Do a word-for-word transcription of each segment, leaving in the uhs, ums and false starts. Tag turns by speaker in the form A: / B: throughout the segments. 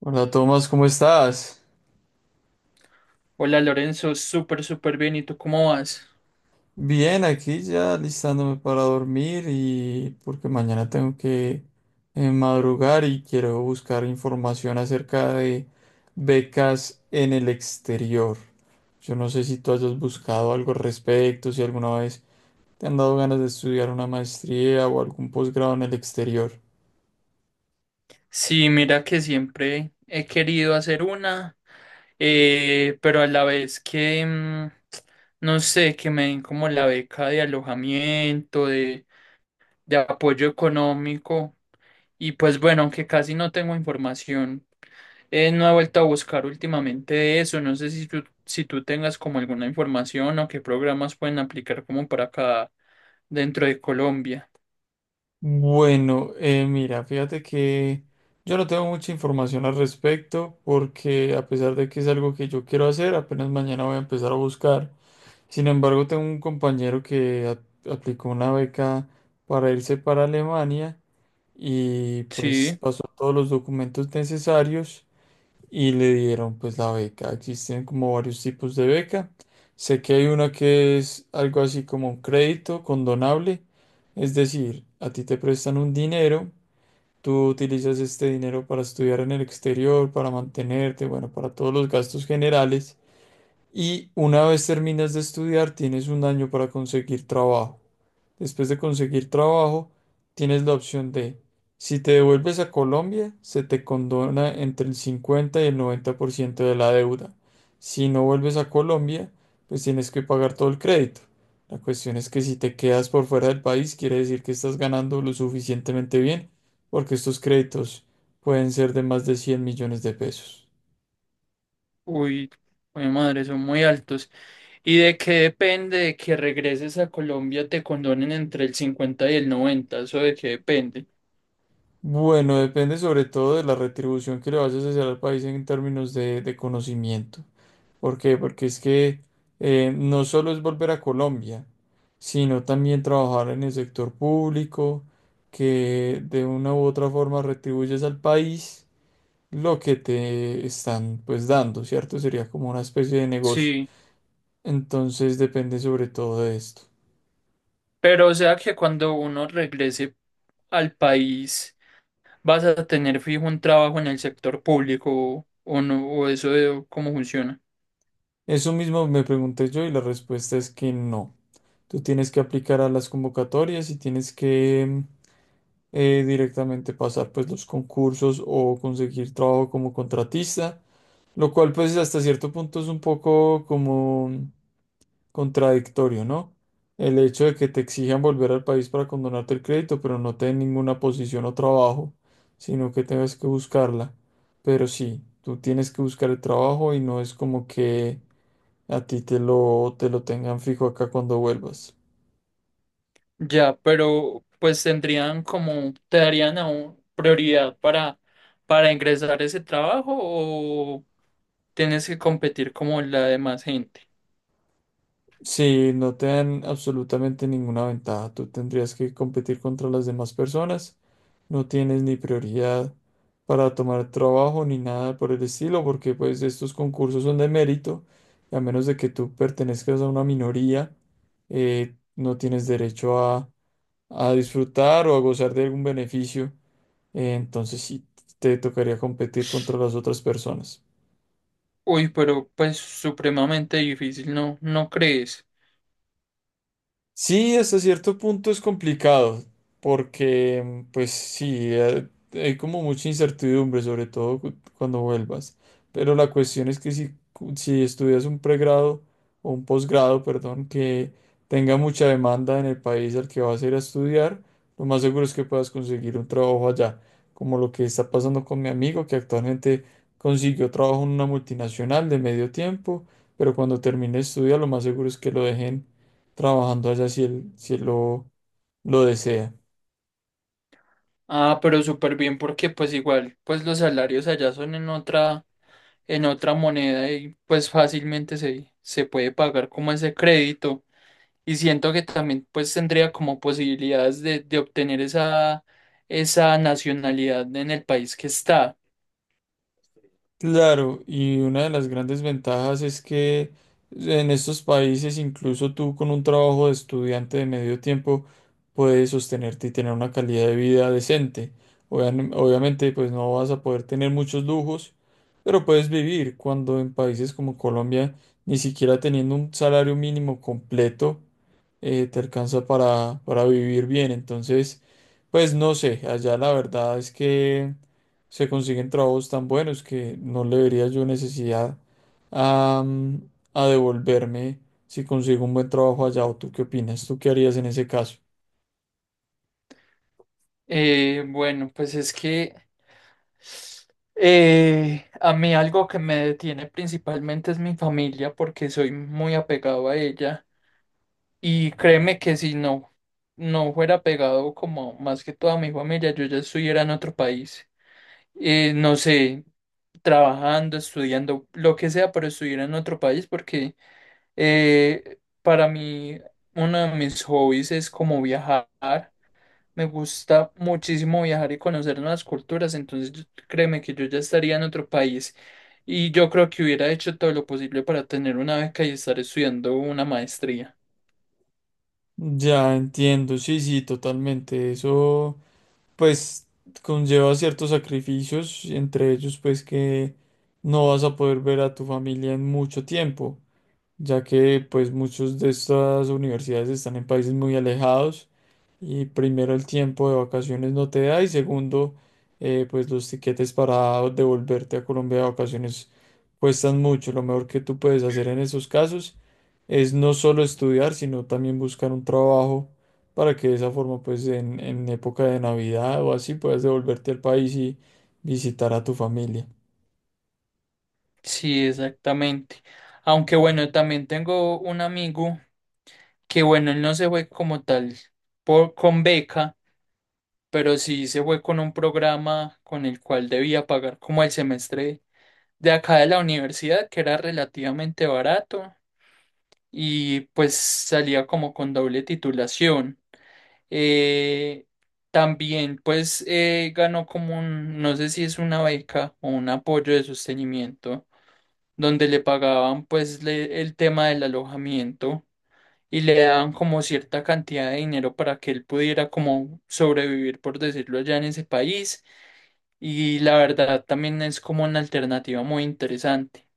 A: Hola Tomás, ¿cómo estás?
B: Hola Lorenzo, súper, súper bien. ¿Y tú cómo vas?
A: Bien, aquí ya listándome para dormir y porque mañana tengo que eh, madrugar y quiero buscar información acerca de becas en el exterior. Yo no sé si tú hayas buscado algo al respecto, si alguna vez te han dado ganas de estudiar una maestría o algún posgrado en el exterior.
B: Sí, mira que siempre he querido hacer una, eh, pero a la vez que, mm, no sé, que me den como la beca de alojamiento, de, de apoyo económico. Y pues bueno, aunque casi no tengo información, eh, no he vuelto a buscar últimamente de eso. No sé si tú, si tú tengas como alguna información o qué programas pueden aplicar como para acá dentro de Colombia.
A: Bueno, eh, mira, fíjate que yo no tengo mucha información al respecto porque a pesar de que es algo que yo quiero hacer, apenas mañana voy a empezar a buscar. Sin embargo, tengo un compañero que a- aplicó una beca para irse para Alemania y pues
B: Sí.
A: pasó todos los documentos necesarios y le dieron pues la beca. Existen como varios tipos de beca. Sé que hay una que es algo así como un crédito condonable, es decir, a ti te prestan un dinero, tú utilizas este dinero para estudiar en el exterior, para mantenerte, bueno, para todos los gastos generales. Y una vez terminas de estudiar, tienes un año para conseguir trabajo. Después de conseguir trabajo, tienes la opción de, si te devuelves a Colombia, se te condona entre el cincuenta y el noventa por ciento de la deuda. Si no vuelves a Colombia, pues tienes que pagar todo el crédito. La cuestión es que si te quedas por fuera del país, quiere decir que estás ganando lo suficientemente bien, porque estos créditos pueden ser de más de cien millones de pesos.
B: Uy, mi madre, son muy altos. ¿Y de qué depende de que regreses a Colombia te condonen entre el cincuenta y el noventa? ¿Eso de qué depende?
A: Bueno, depende sobre todo de la retribución que le vayas a hacer al país en términos de, de conocimiento. ¿Por qué? Porque es que eh, no solo es volver a Colombia, sino también trabajar en el sector público, que de una u otra forma retribuyes al país lo que te están pues dando, ¿cierto? Sería como una especie de negocio.
B: Sí,
A: Entonces depende sobre todo de esto.
B: pero o sea que cuando uno regrese al país vas a tener fijo un trabajo en el sector público o no, o eso de cómo funciona.
A: Eso mismo me pregunté yo y la respuesta es que no. Tú tienes que aplicar a las convocatorias y tienes que eh, directamente pasar pues los concursos o conseguir trabajo como contratista, lo cual pues hasta cierto punto es un poco como contradictorio, ¿no? El hecho de que te exijan volver al país para condonarte el crédito, pero no te den ninguna posición o trabajo, sino que tengas que buscarla. Pero sí, tú tienes que buscar el trabajo y no es como que a ti te lo, te lo tengan fijo acá cuando vuelvas.
B: Ya, pero pues tendrían como, te darían aún prioridad para, para ingresar a ese trabajo o tienes que competir como la demás gente.
A: Si no te dan absolutamente ninguna ventaja, tú tendrías que competir contra las demás personas, no tienes ni prioridad para tomar trabajo ni nada por el estilo, porque pues estos concursos son de mérito, y a menos de que tú pertenezcas a una minoría, eh, no tienes derecho a, a disfrutar o a gozar de algún beneficio, eh, entonces sí te tocaría competir contra las otras personas.
B: Uy, pero pues supremamente difícil, ¿no? ¿No crees?
A: Sí, hasta cierto punto es complicado, porque pues sí, eh, hay como mucha incertidumbre, sobre todo cu- cuando vuelvas. Pero la cuestión es que si, cu- si estudias un pregrado o un posgrado, perdón, que tenga mucha demanda en el país al que vas a ir a estudiar, lo más seguro es que puedas conseguir un trabajo allá, como lo que está pasando con mi amigo, que actualmente consiguió trabajo en una multinacional de medio tiempo, pero cuando termine de estudiar, lo más seguro es que lo dejen trabajando allá si él, si él lo, lo desea.
B: Ah, pero súper bien porque pues igual, pues los salarios allá son en otra, en otra moneda y pues fácilmente se, se puede pagar como ese crédito. Y siento que también pues tendría como posibilidades de, de obtener esa, esa nacionalidad en el país que está.
A: Claro, y una de las grandes ventajas es que en estos países, incluso tú con un trabajo de estudiante de medio tiempo, puedes sostenerte y tener una calidad de vida decente. Obvian- obviamente, pues no vas a poder tener muchos lujos, pero puedes vivir cuando en países como Colombia, ni siquiera teniendo un salario mínimo completo, eh, te alcanza para, para vivir bien. Entonces, pues no sé, allá la verdad es que se consiguen trabajos tan buenos que no le vería yo necesidad a, mm, a devolverme si consigo un buen trabajo allá. ¿O tú qué opinas? ¿Tú qué harías en ese caso?
B: Eh, bueno, pues es que eh, a mí algo que me detiene principalmente es mi familia porque soy muy apegado a ella y créeme que si no, no fuera pegado como más que toda mi familia, yo ya estuviera en otro país. Eh, no sé, trabajando, estudiando, lo que sea, pero estudiar en otro país, porque eh, para mí uno de mis hobbies es como viajar. Me gusta muchísimo viajar y conocer nuevas culturas, entonces yo- créeme que yo ya estaría en otro país y yo creo que hubiera hecho todo lo posible para tener una beca y estar estudiando una maestría.
A: Ya entiendo, sí, sí, totalmente. Eso, pues, conlleva ciertos sacrificios, entre ellos, pues, que no vas a poder ver a tu familia en mucho tiempo, ya que pues muchos de estas universidades están en países muy alejados y primero el tiempo de vacaciones no te da y segundo eh, pues los tiquetes para devolverte a Colombia de vacaciones cuestan mucho. Lo mejor que tú puedes hacer en esos casos es no solo estudiar, sino también buscar un trabajo para que de esa forma pues en, en época de Navidad o así puedas devolverte al país y visitar a tu familia.
B: Sí, exactamente. Aunque bueno, también tengo un amigo que bueno, él no se fue como tal por, con beca. Pero sí se fue con un programa con el cual debía pagar como el semestre de acá de la universidad, que era relativamente barato y pues salía como con doble titulación. Eh, también pues eh, ganó como un, no sé si es una beca o un apoyo de sostenimiento, donde le pagaban pues le- el tema del alojamiento y le daban como cierta cantidad de dinero para que él pudiera como sobrevivir, por decirlo allá en ese país. Y la verdad también es como una alternativa muy interesante.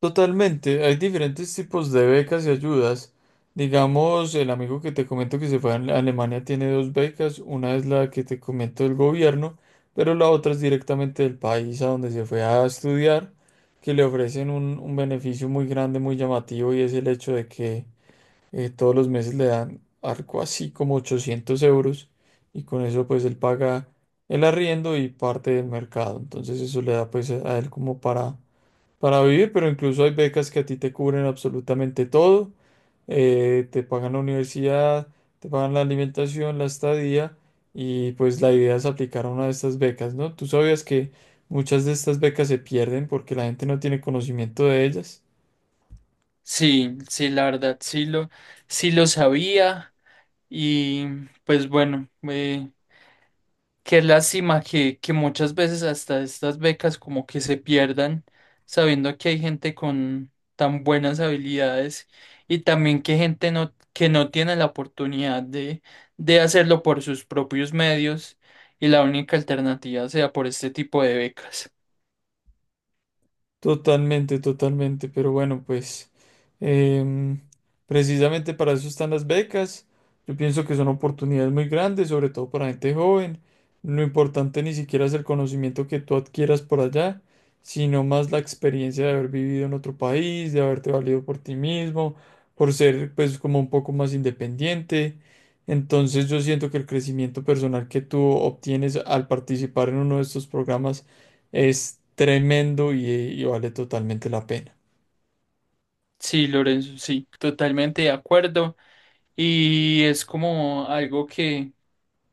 A: Totalmente, hay diferentes tipos de becas y ayudas. Digamos, el amigo que te comento que se fue a Ale- Alemania tiene dos becas, una es la que te comento del gobierno, pero la otra es directamente del país a donde se fue a estudiar, que le ofrecen un, un beneficio muy grande, muy llamativo, y es el hecho de que eh, todos los meses le dan algo así como ochocientos euros, y con eso pues él paga el arriendo y parte del mercado. Entonces eso le da pues a él como para para vivir, pero incluso hay becas que a ti te cubren absolutamente todo. Eh, te pagan la universidad, te pagan la alimentación, la estadía y pues la idea es aplicar a una de estas becas, ¿no? Tú sabías que muchas de estas becas se pierden porque la gente no tiene conocimiento de ellas.
B: Sí, sí, la verdad sí lo, sí lo sabía y pues bueno, eh, qué lástima que, que muchas veces hasta estas becas como que se pierdan, sabiendo que hay gente con tan buenas habilidades y también que gente no, que no tiene la oportunidad de, de hacerlo por sus propios medios y la única alternativa sea por este tipo de becas.
A: Totalmente, totalmente, pero bueno, pues em, precisamente para eso están las becas. Yo pienso que son oportunidades muy grandes, sobre todo para gente joven. Lo importante ni siquiera es el conocimiento que tú adquieras por allá, sino más la experiencia de haber vivido en otro país, de haberte valido por ti mismo, por ser pues como un poco más independiente. Entonces yo siento que el crecimiento personal que tú obtienes al participar en uno de estos programas es tremendo y, y vale totalmente la pena.
B: Sí, Lorenzo, sí, totalmente de acuerdo. Y es como algo que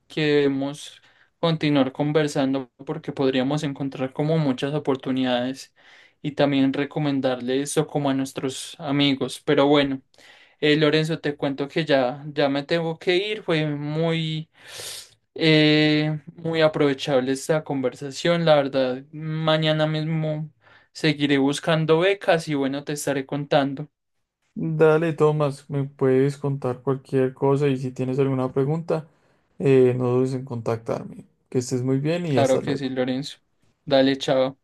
B: que debemos continuar conversando porque podríamos encontrar como muchas oportunidades y también recomendarle eso como a nuestros amigos. Pero bueno, eh, Lorenzo, te cuento que ya, ya me tengo que ir. Fue muy, eh, muy aprovechable esta conversación. La verdad, mañana mismo seguiré buscando becas y bueno, te estaré contando.
A: Dale, Tomás, me puedes contar cualquier cosa y si tienes alguna pregunta, eh, no dudes en contactarme. Que estés muy bien y
B: Claro
A: hasta
B: que
A: luego.
B: sí, Lorenzo. Dale, chao.